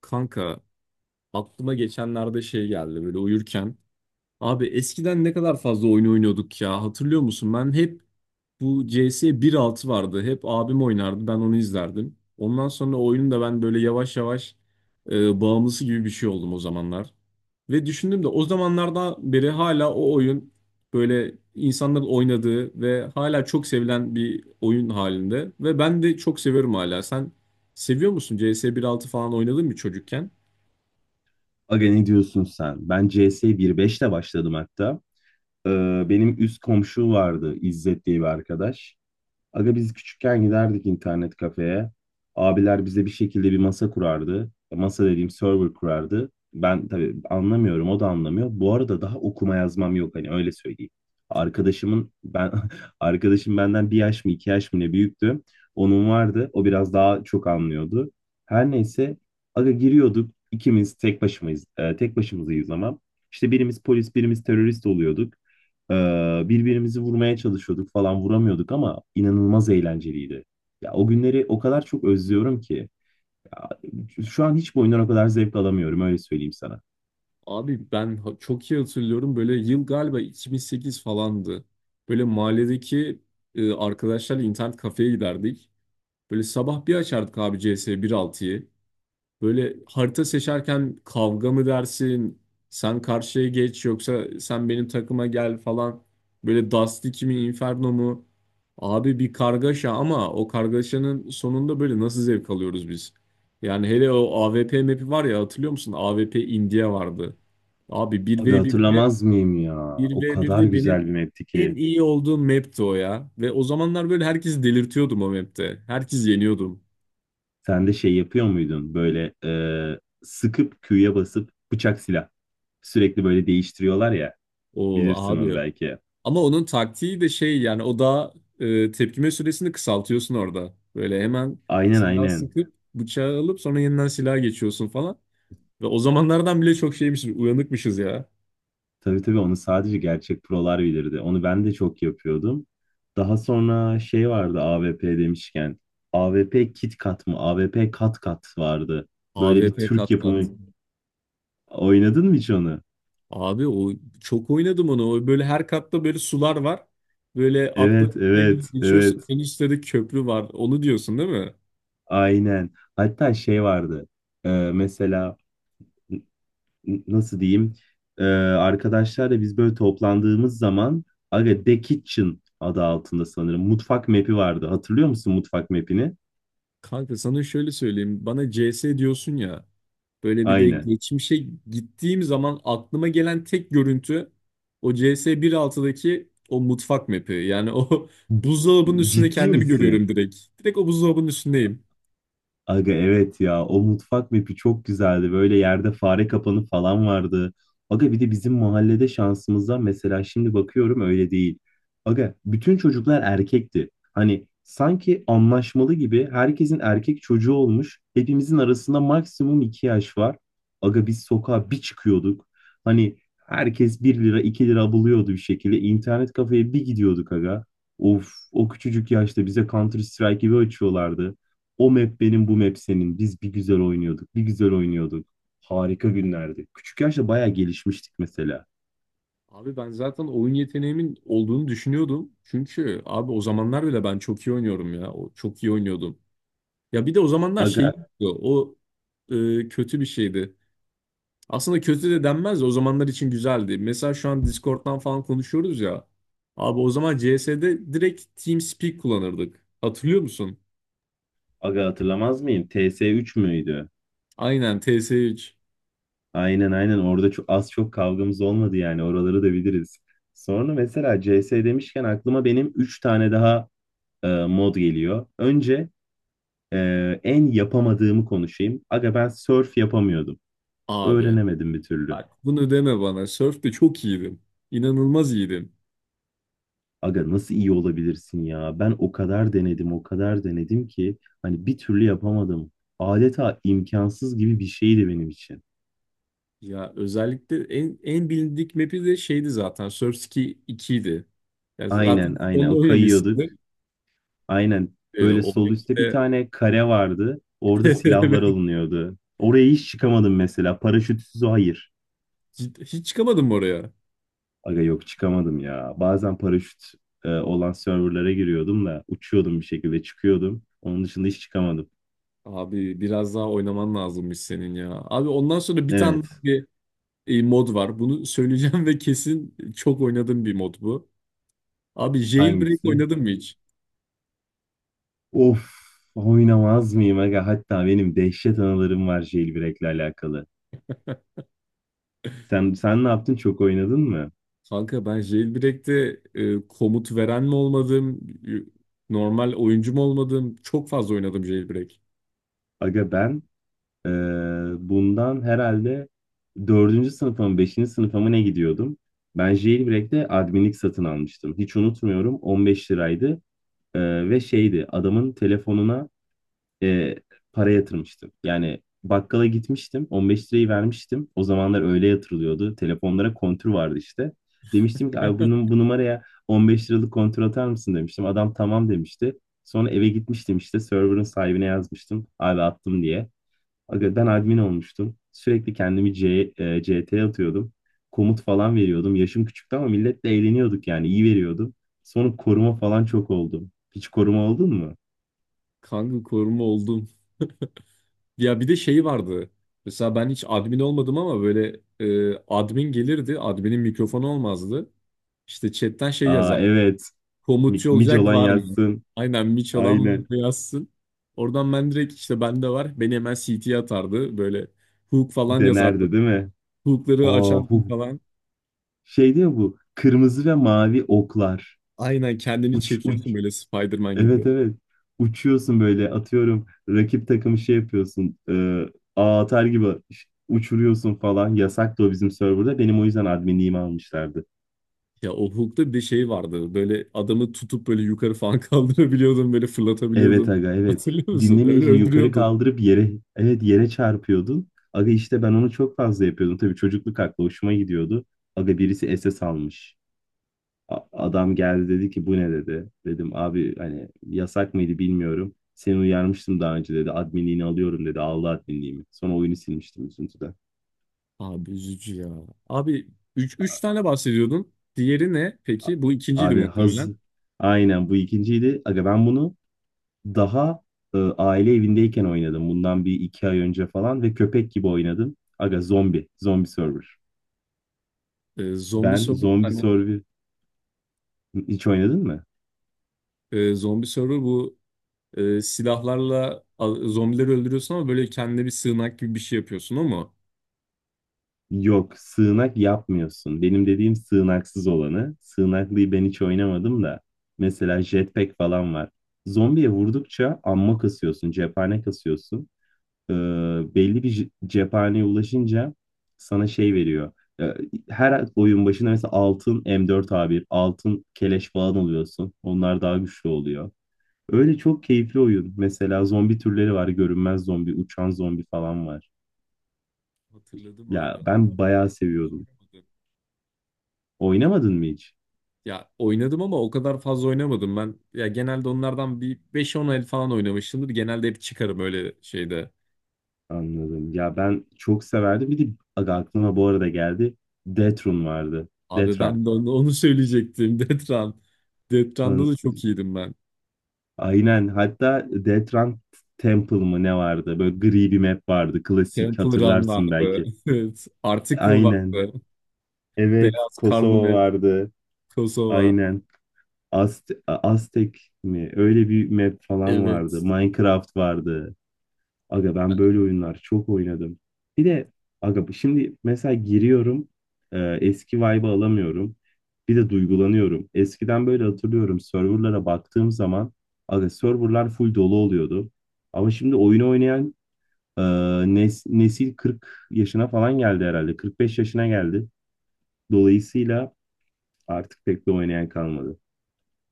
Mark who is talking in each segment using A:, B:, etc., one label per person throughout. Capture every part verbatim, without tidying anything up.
A: Kanka aklıma geçenlerde şey geldi böyle uyurken. Abi eskiden ne kadar fazla oyun oynuyorduk ya hatırlıyor musun? Ben hep bu C S bir altı vardı. Hep abim oynardı ben onu izlerdim. Ondan sonra oyunun da ben böyle yavaş yavaş e, bağımlısı gibi bir şey oldum o zamanlar. Ve düşündüm de o zamanlardan beri hala o oyun böyle insanların oynadığı ve hala çok sevilen bir oyun halinde. Ve ben de çok seviyorum hala. Sen seviyor musun? C S bir altı falan oynadın mı çocukken?
B: Aga ne diyorsun sen? Ben C S bir nokta beşte başladım hatta. Ee, Benim üst komşu vardı İzzet diye bir arkadaş. Aga biz küçükken giderdik internet kafeye. Abiler bize bir şekilde bir masa kurardı. Masa dediğim server kurardı. Ben tabii anlamıyorum, o da anlamıyor. Bu arada daha okuma yazmam yok hani öyle söyleyeyim. Arkadaşımın ben arkadaşım benden bir yaş mı iki yaş mı ne büyüktü. Onun vardı. O biraz daha çok anlıyordu. Her neyse aga giriyorduk. İkimiz tek başımayız. E, tek başımızayız ama. İşte birimiz polis, birimiz terörist oluyorduk. Ee, birbirimizi vurmaya çalışıyorduk falan, vuramıyorduk ama inanılmaz eğlenceliydi. Ya o günleri o kadar çok özlüyorum ki. Ya, şu an hiçbir oyundan o kadar zevk alamıyorum öyle söyleyeyim sana.
A: Abi ben ha- çok iyi hatırlıyorum. Böyle yıl galiba iki bin sekiz falandı. Böyle mahalledeki e, arkadaşlarla internet kafeye giderdik. Böyle sabah bir açardık abi C S bir altıyı. Böyle harita seçerken kavga mı dersin? Sen karşıya geç yoksa sen benim takıma gel falan. Böyle Dust iki mi Inferno mu? Abi bir kargaşa ama o kargaşanın sonunda böyle nasıl zevk alıyoruz biz? Yani hele o A W P map'i var ya hatırlıyor musun? A W P India vardı. Abi bir
B: Aga
A: v birde
B: hatırlamaz mıyım ya?
A: bir
B: O
A: v
B: kadar
A: birde benim
B: güzel bir mapti
A: en
B: ki.
A: iyi olduğum map'ti o ya. Ve o zamanlar böyle herkesi delirtiyordum o map'te. Herkes yeniyordum.
B: Sen de şey yapıyor muydun böyle e, sıkıp Q'ya basıp bıçak silah. Sürekli böyle değiştiriyorlar ya.
A: O
B: Bilirsin onu
A: abi.
B: belki.
A: Ama onun taktiği de şey yani o da e, tepkime süresini kısaltıyorsun orada. Böyle hemen
B: Aynen,
A: silah
B: aynen.
A: sıkıp bıçağı alıp sonra yeniden silaha geçiyorsun falan. Ve o zamanlardan bile çok şeymişiz, uyanıkmışız ya.
B: Tabii, tabii onu sadece gerçek prolar bilirdi. Onu ben de çok yapıyordum. Daha sonra şey vardı, A V P demişken. A V P Kit Kat mı? A V P Kat Kat vardı.
A: A V
B: Böyle bir
A: P
B: Türk
A: kat kat.
B: yapımı. Oynadın mı hiç onu?
A: Abi o çok oynadım onu. O, böyle her katta böyle sular var. Böyle atla
B: Evet, evet, evet.
A: geçiyorsun. En üstte de köprü var. Onu diyorsun değil mi?
B: Aynen. Hatta şey vardı. Ee, mesela n- n- Nasıl diyeyim? Ee, Arkadaşlarla biz böyle toplandığımız zaman, aga The Kitchen adı altında sanırım. Mutfak map'i vardı. Hatırlıyor musun mutfak map'ini?
A: Kanka sana şöyle söyleyeyim. Bana C S diyorsun ya. Böyle bir de
B: Aynen.
A: geçmişe gittiğim zaman aklıma gelen tek görüntü o C S bir 1.6'daki o mutfak map'i. Yani o buzdolabının üstünde
B: Ciddi
A: kendimi
B: misin?
A: görüyorum direkt. Direkt o buzdolabının üstündeyim.
B: Aga evet ya, o mutfak mapi çok güzeldi. Böyle yerde fare kapanı falan vardı. Aga bir de bizim mahallede şansımıza, mesela şimdi bakıyorum öyle değil. Aga bütün çocuklar erkekti. Hani sanki anlaşmalı gibi herkesin erkek çocuğu olmuş. Hepimizin arasında maksimum iki yaş var. Aga biz sokağa bir çıkıyorduk. Hani herkes bir lira iki lira buluyordu bir şekilde. İnternet kafeye bir gidiyorduk aga. Of, o küçücük yaşta bize Counter Strike gibi açıyorlardı. O map benim, bu map senin. Biz bir güzel oynuyorduk, bir güzel oynuyorduk. Harika günlerdi. Küçük yaşta bayağı gelişmiştik mesela.
A: Abi ben zaten oyun yeteneğimin olduğunu düşünüyordum. Çünkü abi o zamanlar bile ben çok iyi oynuyorum ya. O, çok iyi oynuyordum. Ya bir de o zamanlar şey
B: Aga,
A: yoktu. O e, kötü bir şeydi. Aslında kötü de denmez de o zamanlar için güzeldi. Mesela şu an Discord'dan falan konuşuyoruz ya. Abi o zaman C S'de direkt TeamSpeak kullanırdık. Hatırlıyor musun?
B: aga hatırlamaz mıyım? T S üç müydü?
A: Aynen T S üç.
B: Aynen, aynen. Orada çok, az çok kavgamız olmadı, yani oraları da biliriz. Sonra mesela C S demişken aklıma benim üç tane daha e, mod geliyor. Önce e, en yapamadığımı konuşayım. Aga ben surf yapamıyordum.
A: Abi
B: Öğrenemedim bir türlü.
A: bak bunu deme bana. Surf'te çok iyiydim. İnanılmaz iyiydim.
B: Aga nasıl iyi olabilirsin ya? Ben o kadar denedim, o kadar denedim ki hani bir türlü yapamadım. Adeta imkansız gibi bir şeydi benim için.
A: Ya özellikle en, en bilindik map'i de şeydi zaten. Surf Ski iki idi. Yani
B: Aynen,
A: zaten
B: aynen.
A: onda
B: O,
A: oynamışsın.
B: kayıyorduk. Aynen.
A: Ee,
B: Böyle
A: o
B: sol üstte bir
A: map'te
B: tane kare vardı. Orada silahlar alınıyordu. Oraya hiç çıkamadım mesela. Paraşütsüz hayır.
A: hiç, hiç çıkamadım oraya.
B: Aga yok, çıkamadım ya. Bazen paraşüt e, olan serverlara giriyordum da uçuyordum bir şekilde çıkıyordum. Onun dışında hiç çıkamadım.
A: Abi biraz daha oynaman lazımmış senin ya. Abi ondan sonra bir tane
B: Evet.
A: daha bir e, mod var. Bunu söyleyeceğim ve kesin çok oynadığım bir mod bu. Abi Jailbreak
B: Hangisi?
A: oynadın mı hiç?
B: Of, oynamaz mıyım aga? Hatta benim dehşet anılarım var jailbreak'le alakalı. Sen sen ne yaptın? Çok oynadın mı?
A: Kanka ben Jailbreak'te e, komut veren mi olmadım, e, normal oyuncu mu olmadım? Çok fazla oynadım Jailbreak.
B: Aga ben eee, bundan herhalde dördüncü sınıfa mı beşinci sınıfa mı ne gidiyordum? Ben jailbreak'te adminlik satın almıştım. Hiç unutmuyorum, on beş liraydı. Eee, ve şeydi, adamın telefonuna e, para yatırmıştım. Yani bakkala gitmiştim. on beş lirayı vermiştim. O zamanlar öyle yatırılıyordu. Telefonlara kontür vardı işte. Demiştim ki abi bu, bu numaraya on beş liralık kontür atar mısın demiştim. Adam tamam demişti. Sonra eve gitmiştim, işte server'ın sahibine yazmıştım. Abi attım diye. Aga ben admin olmuştum. Sürekli kendimi C, e, C T atıyordum. Komut falan veriyordum. Yaşım küçüktü ama milletle eğleniyorduk yani. İyi veriyordum. Sonra koruma falan çok oldum. Hiç koruma oldun mu?
A: Kanka koruma oldum. Ya bir de şey vardı. Mesela ben hiç admin olmadım ama böyle e, admin gelirdi. Admin'in mikrofonu olmazdı. İşte chatten şey
B: Aa,
A: yazardı.
B: evet. Mi-
A: Komutçu
B: Mic
A: olacak
B: olan
A: var mı?
B: yazsın.
A: Aynen Miç olan var
B: Aynen.
A: mı yazsın. Oradan ben direkt işte bende var. Beni hemen C T'ye atardı. Böyle hook falan yazardı.
B: Denerdi değil mi?
A: Hookları
B: Aa,
A: açardım
B: huh.
A: falan.
B: Şey diyor bu. Kırmızı ve mavi oklar.
A: Aynen kendini
B: Uç
A: çekiyorsun
B: uç.
A: böyle Spider-Man
B: Evet,
A: gibi.
B: evet. Uçuyorsun böyle atıyorum. Rakip takımı şey yapıyorsun. E, ağ atar gibi uçuruyorsun falan. Yasaktı o bizim serverda. Benim o yüzden adminliğimi almışlardı.
A: Ya o hook'ta bir de şey vardı. Böyle adamı tutup böyle yukarı falan kaldırabiliyordun. Böyle
B: Evet
A: fırlatabiliyordun.
B: aga, evet.
A: Hatırlıyor musun? Öyle
B: Dinlemeyici yukarı
A: öldürüyordun.
B: kaldırıp yere evet yere çarpıyordun. Aga işte ben onu çok fazla yapıyordum. Tabii çocukluk aklı, hoşuma gidiyordu. Aga birisi S S almış. A- Adam geldi dedi ki bu ne dedi. Dedim abi hani yasak mıydı bilmiyorum. Seni uyarmıştım daha önce dedi. Adminliğini alıyorum dedi. Aldı adminliğimi. Sonra oyunu silmiştim üzüntüden.
A: Abi üzücü ya. Abi üç
B: A-
A: 3 tane bahsediyordun. Diğeri ne peki? Bu ikinciydi
B: Abi haz
A: muhtemelen.
B: Aynen bu ikinciydi. Aga ben bunu daha e, aile evindeyken oynadım. Bundan bir iki ay önce falan, ve köpek gibi oynadım. Aga zombi. Zombi server.
A: Ee, zombi
B: Ben
A: soru.
B: zombi
A: Hani
B: server hiç oynadın mı?
A: e, zombi soru bu e, silahlarla a- zombileri öldürüyorsun ama böyle kendine bir sığınak gibi bir şey yapıyorsun ama
B: Yok, sığınak yapmıyorsun. Benim dediğim sığınaksız olanı. Sığınaklıyı ben hiç oynamadım da. Mesela jetpack falan var. Zombiye vurdukça amma kasıyorsun, cephane kasıyorsun. Ee, belli bir je- cephaneye ulaşınca sana şey veriyor. Ee, Her oyun başında mesela altın M dört A bir, altın keleş falan alıyorsun. Onlar daha güçlü oluyor. Öyle çok keyifli oyun. Mesela zombi türleri var. Görünmez zombi, uçan zombi falan var.
A: hatırladım
B: Ya
A: abi.
B: ben bayağı seviyordum. Oynamadın mı hiç?
A: Ya oynadım ama o kadar fazla oynamadım ben. Ya genelde onlardan bir beş on el falan oynamışımdır. Genelde hep çıkarım öyle şeyde.
B: Anladım. Ya ben çok severdim. Bir de aga aklıma bu arada geldi. Deatrun vardı.
A: Abi
B: Detran.
A: ben de onu, onu söyleyecektim. Death Run. Death Run'da
B: An-
A: da çok iyiydim ben.
B: Aynen. Hatta Detran Temple mı ne vardı? Böyle gri bir map vardı. Klasik
A: Temple Run
B: hatırlarsın
A: vardı.
B: belki.
A: Evet. Article
B: Aynen.
A: vardı.
B: Evet.
A: Beyaz Karlı
B: Kosova
A: Met.
B: vardı.
A: Kosova.
B: Aynen. Azte- Aztek mi? Öyle bir map falan vardı.
A: Evet.
B: Minecraft vardı. Aga ben böyle oyunlar çok oynadım. Bir de aga şimdi mesela giriyorum e, eski vibe'ı alamıyorum. Bir de duygulanıyorum. Eskiden böyle hatırlıyorum, serverlara baktığım zaman aga serverlar full dolu oluyordu. Ama şimdi oyun oynayan e, nes- nesil kırk yaşına falan geldi herhalde. kırk beş yaşına geldi. Dolayısıyla artık pek de oynayan kalmadı.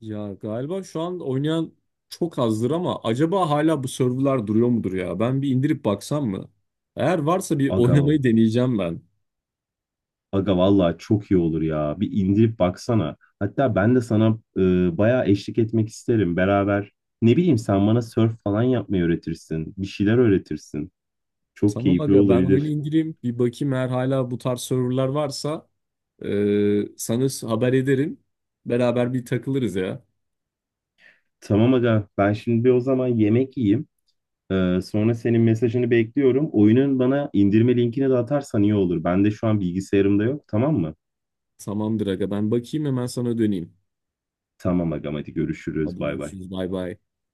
A: Ya galiba şu an oynayan çok azdır ama acaba hala bu serverlar duruyor mudur ya? Ben bir indirip baksam mı? Eğer varsa bir
B: Aga
A: oynamayı deneyeceğim ben.
B: Aga vallahi çok iyi olur ya. Bir indirip baksana. Hatta ben de sana e, bayağı eşlik etmek isterim beraber. Ne bileyim, sen bana surf falan yapmayı öğretirsin. Bir şeyler öğretirsin. Çok
A: Tamam
B: keyifli
A: aga ben oyunu
B: olabilir.
A: indireyim. Bir bakayım eğer hala bu tarz serverlar varsa e, sana s- haber ederim. Beraber bir takılırız ya.
B: Tamam aga, ben şimdi bir o zaman yemek yiyeyim. E, sonra senin mesajını bekliyorum. Oyunun bana indirme linkini de atarsan iyi olur. Ben de şu an bilgisayarımda yok, tamam mı?
A: Tamamdır aga ben bakayım hemen sana döneyim.
B: Tamam aga, hadi görüşürüz,
A: Hadi
B: bay bay.
A: görüşürüz bay bay.